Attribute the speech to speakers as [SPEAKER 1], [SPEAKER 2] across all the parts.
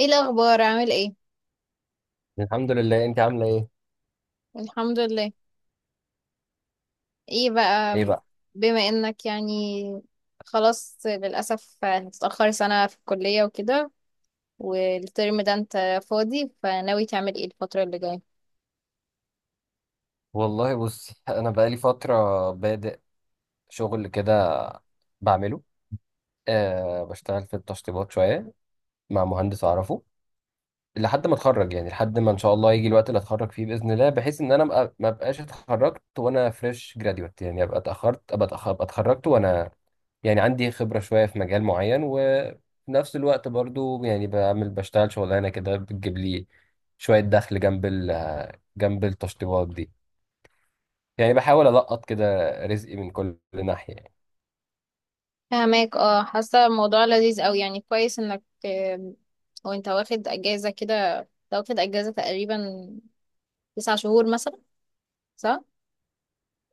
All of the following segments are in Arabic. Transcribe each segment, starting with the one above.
[SPEAKER 1] ايه الاخبار؟ عامل ايه؟
[SPEAKER 2] الحمد لله، انت عامله ايه؟
[SPEAKER 1] الحمد لله. ايه بقى؟
[SPEAKER 2] ايه بقى؟
[SPEAKER 1] بما انك يعني خلاص، للاسف هتتاخر سنه في الكليه وكده. والترم ده انت فاضي، فناوي تعمل ايه الفتره اللي جايه؟
[SPEAKER 2] والله بصي، انا بقالي فتره بادئ شغل كده بعمله. أه، بشتغل في التشطيبات شويه مع مهندس اعرفه لحد ما اتخرج، يعني لحد ما ان شاء الله يجي الوقت اللي اتخرج فيه باذن الله، بحيث ان انا ما ابقاش اتخرجت وانا فريش جراديوت، يعني ابقى اتاخرت أبقى اتخرجت وانا يعني عندي خبره شويه في مجال معين، وفي نفس الوقت برضو يعني بشتغل شغلانه كده بتجيب لي شويه دخل جنب جنب التشطيبات دي، يعني بحاول ألقط كده رزقي من كل ناحية يعني.
[SPEAKER 1] فهماك. اه، حاسه الموضوع لذيذ قوي. يعني كويس انك وانت واخد اجازه كده، أنت واخد اجازه تقريبا 9 شهور مثلا، صح؟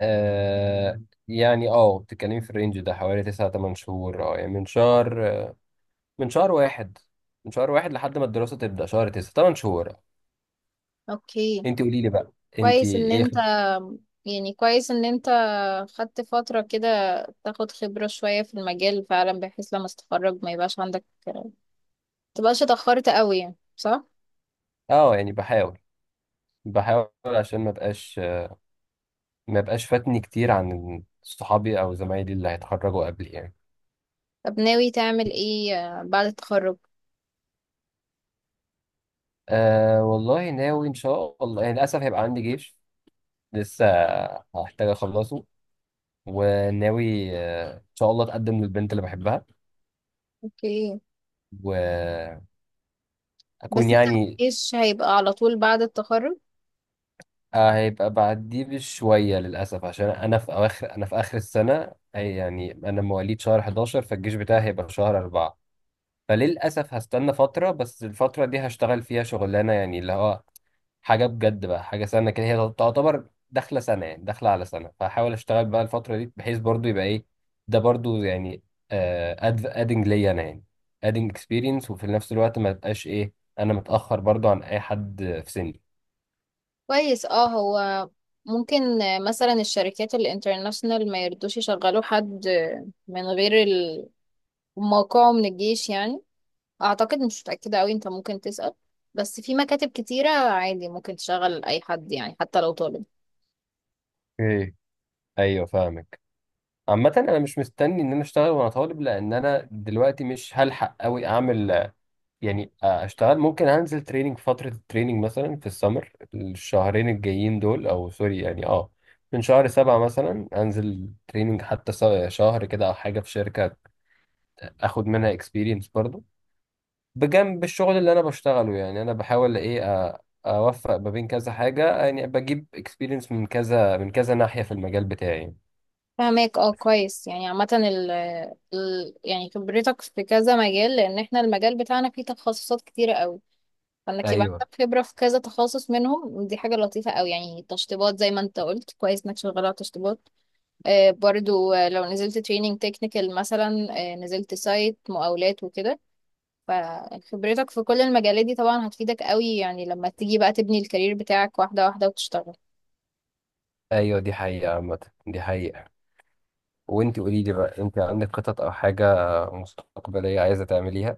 [SPEAKER 2] آه. يعني بتتكلمي في الرينج ده حوالي تسعة تمن شهور، يعني من شهر، من شهر واحد من شهر واحد لحد ما الدراسة تبدأ، شهر تسعة تمن شهور اه
[SPEAKER 1] اوكي.
[SPEAKER 2] انت قولي لي بقى، انت
[SPEAKER 1] كويس ان
[SPEAKER 2] ايه؟
[SPEAKER 1] انت كويس ان انت خدت فترة كده، تاخد خبرة شوية في المجال فعلا، بحيث لما تتخرج ما يبقاش عندك، متبقاش اتأخرت قوي يعني، صح؟
[SPEAKER 2] اه يعني بحاول عشان ما بقاش فاتني كتير عن صحابي او زمايلي اللي هيتخرجوا قبلي يعني.
[SPEAKER 1] طب، ناوي تعمل ايه بعد التخرج؟
[SPEAKER 2] آه، والله ناوي ان شاء الله يعني للاسف هيبقى عندي جيش لسه هحتاج اخلصه. وناوي ان شاء الله اتقدم للبنت اللي بحبها
[SPEAKER 1] اوكي.
[SPEAKER 2] واكون
[SPEAKER 1] بس انت
[SPEAKER 2] يعني
[SPEAKER 1] مفيش هيبقى على طول بعد التخرج؟
[SPEAKER 2] هيبقى بعديه بشويه للاسف، عشان انا في اواخر انا في اخر السنه، أي يعني انا مواليد شهر 11 فالجيش بتاعي هيبقى في شهر 4. فللأسف هستنى فترة، بس الفترة دي هشتغل فيها شغلانة يعني، اللي هو حاجة بجد بقى، حاجة سنة كده هي تعتبر داخلة سنة، يعني داخلة على سنة. فهحاول أشتغل بقى الفترة دي بحيث برضو يبقى إيه، ده برضو يعني أدنج ليا أنا، يعني أدنج إكسبيرينس، وفي نفس الوقت ما تبقاش إيه، أنا متأخر برضو عن أي حد في سني.
[SPEAKER 1] كويس. اه هو ممكن مثلا الشركات الانترناشنال ما يردوش يشغلوا حد من غير موقعه من الجيش يعني. اعتقد، مش متأكدة قوي. انت ممكن تسأل، بس في مكاتب كتيرة عادي ممكن تشغل اي حد يعني، حتى لو طالب.
[SPEAKER 2] اوكي، أيوه فاهمك. عامة أنا مش مستني إن أنا أشتغل وأنا طالب، لأن أنا دلوقتي مش هلحق أوي أعمل يعني اشتغل. ممكن انزل تريننج، فترة التريننج مثلا في السمر الشهرين الجايين دول، او سوري يعني، من شهر سبعة مثلا انزل تريننج حتى شهر كده او حاجة في شركة، اخد منها اكسبيرينس برضو بجنب الشغل اللي انا بشتغله. يعني انا بحاول ايه، أ- اوفق ما بين كذا حاجة، يعني بجيب اكسبيرينس من كذا ناحية في المجال بتاعي.
[SPEAKER 1] فهماك. اه كويس يعني. عامة ال يعني خبرتك في كذا مجال، لان احنا المجال بتاعنا فيه تخصصات كتيرة قوي، فانك يبقى
[SPEAKER 2] ايوه،
[SPEAKER 1] عندك خبرة في كذا تخصص منهم دي حاجة لطيفة قوي يعني. تشطيبات زي ما انت قلت، كويس انك شغالة على تشطيبات. برضو، لو نزلت تريننج تكنيكال مثلا، نزلت سايت مقاولات وكده، فخبرتك في كل المجالات دي طبعا هتفيدك قوي يعني لما تيجي بقى تبني الكارير بتاعك واحدة واحدة وتشتغل.
[SPEAKER 2] ايوه، دي حقيقة عامة، دي حقيقة. وانت قولي لي بقى، انت عندك خطط او حاجة مستقبلية عايزة تعمليها؟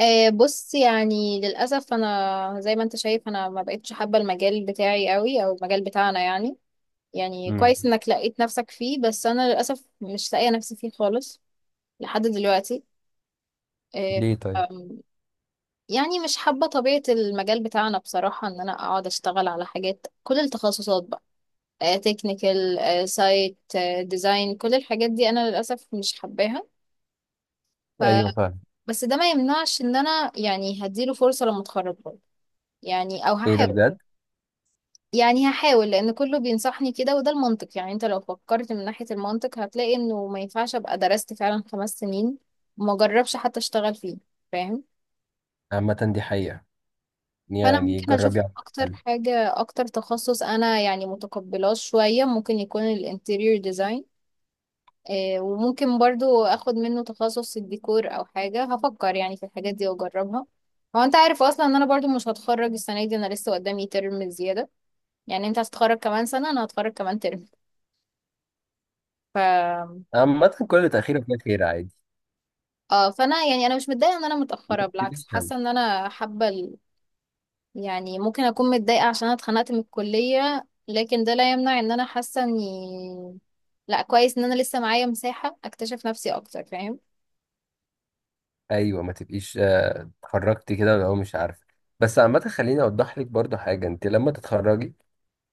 [SPEAKER 1] بص، يعني للأسف أنا زي ما أنت شايف أنا ما بقتش حابة المجال بتاعي قوي، أو المجال بتاعنا يعني. يعني كويس إنك لقيت نفسك فيه، بس أنا للأسف مش لاقية نفسي فيه خالص لحد دلوقتي. أه.
[SPEAKER 2] ليه طيب؟
[SPEAKER 1] أم، يعني مش حابة طبيعة المجال بتاعنا بصراحة، إن أنا أقعد أشتغل على حاجات كل التخصصات بقى: تكنيكال، سايت، ديزاين، كل الحاجات دي انا للاسف مش حباها. ف
[SPEAKER 2] ايوه فعلا.
[SPEAKER 1] بس ده ما يمنعش ان انا يعني هديله فرصه لما اتخرج برضه، يعني او
[SPEAKER 2] ايه ده
[SPEAKER 1] هحاول.
[SPEAKER 2] بجد؟
[SPEAKER 1] يعني هحاول لان كله بينصحني كده وده المنطق يعني. انت لو فكرت من ناحيه المنطق هتلاقي انه ما ينفعش ابقى درست فعلا 5 سنين وما جربش حتى اشتغل فيه. فاهم؟
[SPEAKER 2] عامة دي حقيقة،
[SPEAKER 1] فانا
[SPEAKER 2] يعني
[SPEAKER 1] ممكن اشوف
[SPEAKER 2] جربي على
[SPEAKER 1] اكتر
[SPEAKER 2] الأقل.
[SPEAKER 1] حاجه، اكتر تخصص انا يعني متقبلاه شويه، ممكن يكون الانتيريور ديزاين. وممكن برضو اخد منه تخصص الديكور او حاجة، هفكر يعني في الحاجات دي واجربها. هو انت عارف اصلا ان انا برضو مش هتخرج السنة دي؟ انا لسه قدامي ترم زيادة. يعني انت هتتخرج كمان سنة، انا هتخرج كمان ترم. ف
[SPEAKER 2] عامة كل تأخير فيها خير، عادي.
[SPEAKER 1] اه، فانا يعني انا مش متضايقة ان انا
[SPEAKER 2] ما
[SPEAKER 1] متأخرة، بالعكس
[SPEAKER 2] تبقيش هم.
[SPEAKER 1] حاسة ان انا حابة يعني ممكن اكون متضايقة عشان انا اتخنقت من الكلية، لكن ده لا يمنع ان انا حاسة اني، لا، كويس ان انا لسه معايا مساحة اكتشف نفسي اكتر. فاهم؟
[SPEAKER 2] ايوه، ما تبقيش اتخرجتي كده ولا هو، مش عارفة. بس عامة خليني اوضح لك برضو حاجة: انت لما تتخرجي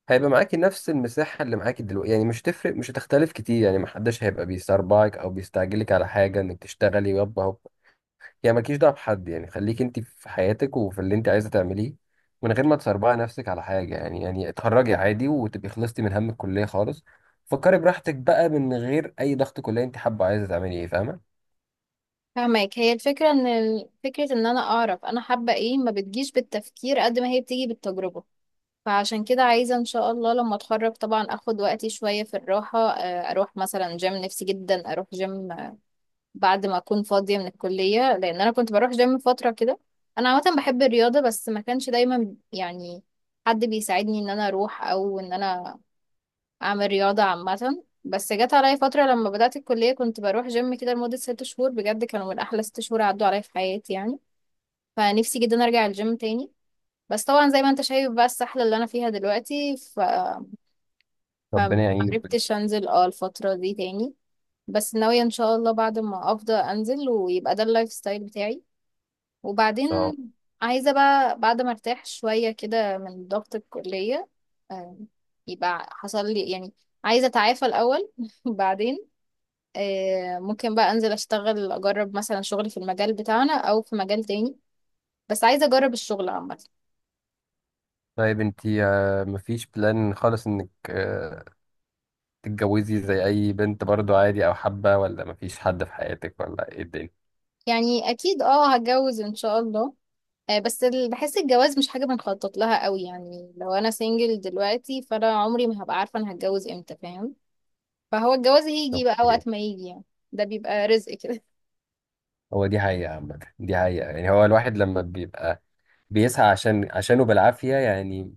[SPEAKER 2] هيبقى معاكي نفس المساحة اللي معاكي دلوقتي، يعني مش تفرق، مش هتختلف كتير، يعني محدش هيبقى بيسربعك او بيستعجلك على حاجة انك تشتغلي يابا. يعني مالكيش دعوه بحد، يعني خليك انت في حياتك وفي اللي انت عايزه تعمليه، من غير ما تسربعي نفسك على حاجه يعني اتخرجي عادي وتبقي خلصتي من هم الكليه خالص، فكري براحتك بقى من غير اي ضغط كليه. انت حابه عايزه تعملي ايه؟ فاهمه؟
[SPEAKER 1] فاهمك. هي الفكرة ان فكرة ان انا اعرف انا حابة ايه ما بتجيش بالتفكير قد ما هي بتيجي بالتجربة. فعشان كده عايزة ان شاء الله لما اتخرج طبعا اخد وقتي شوية في الراحة. اروح مثلا جيم، نفسي جدا اروح جيم، بعد ما اكون فاضية من الكلية، لان انا كنت بروح جيم فترة كده. انا عامة بحب الرياضة، بس ما كانش دايما يعني حد بيساعدني ان انا اروح او ان انا اعمل رياضة عامة. بس جت عليا فترة لما بدأت الكلية كنت بروح جيم كده لمدة 6 شهور، بجد كانوا من احلى 6 شهور عدوا عليا في حياتي يعني. فنفسي جدا ارجع الجيم تاني. بس طبعا زي ما انت شايف بقى السحلة اللي انا فيها دلوقتي.
[SPEAKER 2] ربنا يعينك بجد ان
[SPEAKER 1] فمعرفتش انزل الفترة دي تاني. بس ناوية ان شاء الله بعد ما افضى انزل، ويبقى ده اللايف ستايل بتاعي. وبعدين
[SPEAKER 2] شاء الله.
[SPEAKER 1] عايزة بقى بعد ما ارتاح شوية كده من ضغط الكلية، آه، يبقى حصل لي يعني. عايزة اتعافى الاول بعدين ممكن بقى انزل اشتغل اجرب مثلا شغلي في المجال بتاعنا او في مجال تاني. بس عايزه اجرب الشغل عامه.
[SPEAKER 2] طيب انت مفيش بلان خالص انك تتجوزي زي اي بنت برضو عادي، او حابه؟ ولا مفيش حد في حياتك، ولا ايه الدنيا؟
[SPEAKER 1] يعني اكيد، اه هتجوز ان شاء الله. بس بحس الجواز مش حاجه بنخطط لها قوي يعني، لو انا سنجل دلوقتي فانا عمري ما هبقى عارفه انا هتجوز امتى. فاهم؟ فهو الجواز هيجي بقى
[SPEAKER 2] اوكي.
[SPEAKER 1] وقت ما يجي يعني. ده بيبقى رزق كده.
[SPEAKER 2] هو دي حقيقة عامة، دي حقيقة. يعني هو الواحد لما بيبقى بيسعى عشانه بالعافية يعني،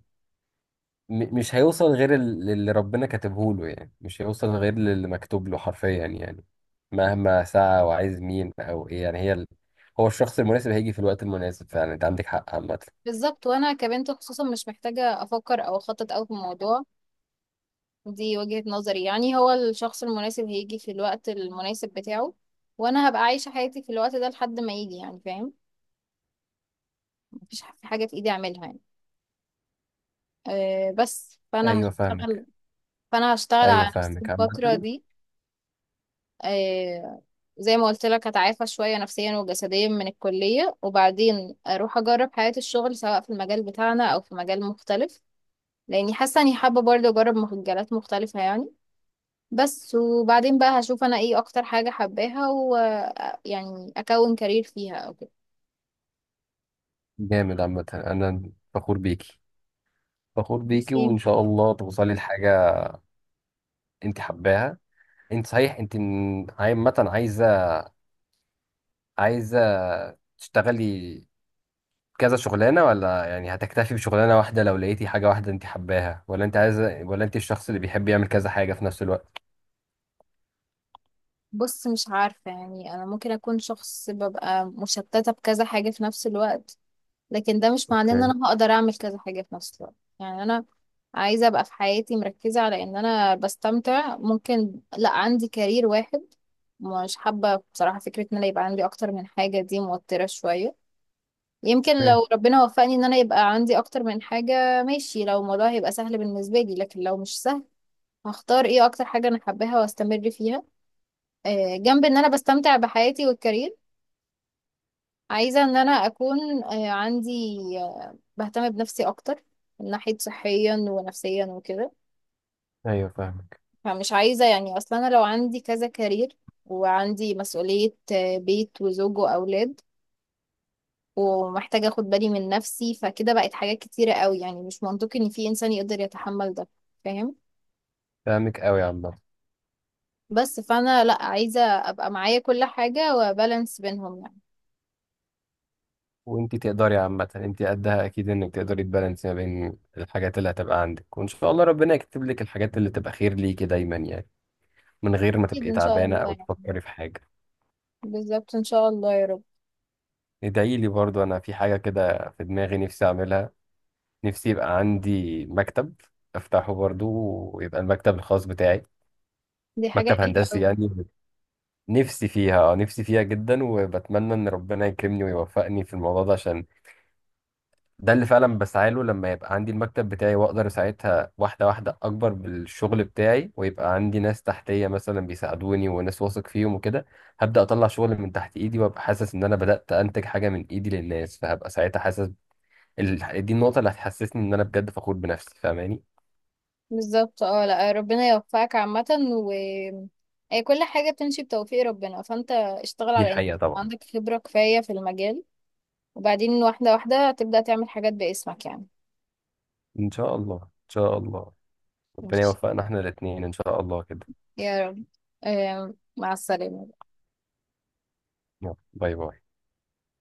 [SPEAKER 2] مش هيوصل غير اللي ربنا كاتبه له، يعني مش هيوصل غير اللي مكتوب له حرفيا يعني. مهما سعى وعايز مين او ايه يعني، هو الشخص المناسب هيجي في الوقت المناسب، فعلا انت عندك حق عامة.
[SPEAKER 1] بالظبط، وانا كبنت خصوصا مش محتاجه افكر او اخطط قوي في الموضوع. دي وجهة نظري يعني، هو الشخص المناسب هيجي في الوقت المناسب بتاعه. وانا هبقى عايشة حياتي في الوقت ده لحد ما يجي يعني. فاهم؟ مفيش حاجة في ايدي اعملها يعني. أه، بس فانا
[SPEAKER 2] ايوه فاهمك.
[SPEAKER 1] هشتغل فانا هشتغل
[SPEAKER 2] ايوه
[SPEAKER 1] على نفسي
[SPEAKER 2] فاهمك
[SPEAKER 1] الفترة
[SPEAKER 2] عامة.
[SPEAKER 1] دي. أه. زي ما قلت لك هتعافى شوية نفسيا وجسديا من الكلية، وبعدين اروح اجرب حياة الشغل سواء في المجال بتاعنا او في مجال مختلف، لاني حاسة اني حابة برضه اجرب مجالات مختلفة يعني. بس وبعدين بقى هشوف انا ايه اكتر حاجة حباها، يعني اكون كارير فيها او كده.
[SPEAKER 2] جامد. عامة انا فخور بيكي، فخور بيكي، وان
[SPEAKER 1] برسم.
[SPEAKER 2] شاء الله توصلي لحاجة انت حباها. انت صحيح انت عامة عايزة تشتغلي كذا شغلانة، ولا يعني هتكتفي بشغلانة واحدة لو لقيتي حاجة واحدة انت حباها؟ ولا انت عايزة؟ ولا انت الشخص اللي بيحب يعمل كذا حاجة في نفس الوقت؟
[SPEAKER 1] بص، مش عارفة يعني، انا ممكن اكون شخص ببقى مشتتة بكذا حاجة في نفس الوقت، لكن ده مش معناه ان
[SPEAKER 2] اوكي.
[SPEAKER 1] انا هقدر اعمل كذا حاجة في نفس الوقت. يعني انا عايزة ابقى في حياتي مركزة على ان انا بستمتع، ممكن لا عندي كارير واحد. مش حابة بصراحة فكرة ان انا يبقى عندي اكتر من حاجة، دي موترة شوية. يمكن
[SPEAKER 2] فاهم.
[SPEAKER 1] لو ربنا وفقني ان انا يبقى عندي اكتر من حاجة ماشي، لو الموضوع هيبقى سهل بالنسبة لي، لكن لو مش سهل هختار ايه اكتر حاجة انا حباها واستمر فيها. جنب ان انا بستمتع بحياتي والكارير. عايزة ان انا اكون عندي، بهتم بنفسي اكتر من ناحية صحيا ونفسيا وكده.
[SPEAKER 2] ايوه فاهمك.
[SPEAKER 1] فمش عايزة يعني اصلا. انا لو عندي كذا كارير وعندي مسؤولية بيت وزوج واولاد، ومحتاجة اخد بالي من نفسي، فكده بقت حاجات كتيرة قوي، يعني مش منطقي ان في انسان يقدر يتحمل ده. فاهم؟
[SPEAKER 2] فاهمك قوي يا عم.
[SPEAKER 1] بس فانا لا، عايزة ابقى معايا كل حاجة وبالانس بينهم يعني.
[SPEAKER 2] وانت تقدري عامة، انت قدها اكيد، انك تقدري تبالانسي ما بين الحاجات اللي هتبقى عندك، وان شاء الله ربنا يكتب لك الحاجات اللي تبقى خير ليكي دايما يعني، من غير ما
[SPEAKER 1] اكيد
[SPEAKER 2] تبقي
[SPEAKER 1] ان شاء
[SPEAKER 2] تعبانة
[SPEAKER 1] الله
[SPEAKER 2] او
[SPEAKER 1] يعني.
[SPEAKER 2] تفكري في حاجة.
[SPEAKER 1] بالظبط ان شاء الله يا رب.
[SPEAKER 2] ادعي لي برضو، انا في حاجة كده في دماغي نفسي اعملها. نفسي يبقى عندي مكتب افتحه برضو، ويبقى المكتب الخاص بتاعي،
[SPEAKER 1] دي حاجة
[SPEAKER 2] مكتب
[SPEAKER 1] حلوة
[SPEAKER 2] هندسي
[SPEAKER 1] قوي.
[SPEAKER 2] يعني. نفسي فيها جدا، وبتمنى ان ربنا يكرمني ويوفقني في الموضوع ده، عشان ده اللي فعلا بسعى له. لما يبقى عندي المكتب بتاعي واقدر ساعتها واحده واحده اكبر بالشغل بتاعي، ويبقى عندي ناس تحتيه مثلا بيساعدوني، وناس واثق فيهم وكده، هبدا اطلع شغل من تحت ايدي وابقى حاسس ان انا بدات انتج حاجه من ايدي للناس، فهبقى ساعتها حاسس دي النقطه اللي هتحسسني ان انا بجد فخور بنفسي، فاهماني؟
[SPEAKER 1] بالظبط. اه لا، ربنا يوفقك عامة. و أي، كل حاجة بتمشي بتوفيق ربنا، فانت اشتغل
[SPEAKER 2] دي
[SPEAKER 1] على انك
[SPEAKER 2] حقيقه طبعا.
[SPEAKER 1] عندك خبرة كفاية في المجال، وبعدين واحدة واحدة تبدأ تعمل حاجات باسمك يعني.
[SPEAKER 2] ان شاء الله، ان شاء الله ربنا
[SPEAKER 1] ماشي.
[SPEAKER 2] يوفقنا احنا الاثنين ان شاء الله كده.
[SPEAKER 1] يا رب. مع السلامة.
[SPEAKER 2] باي باي.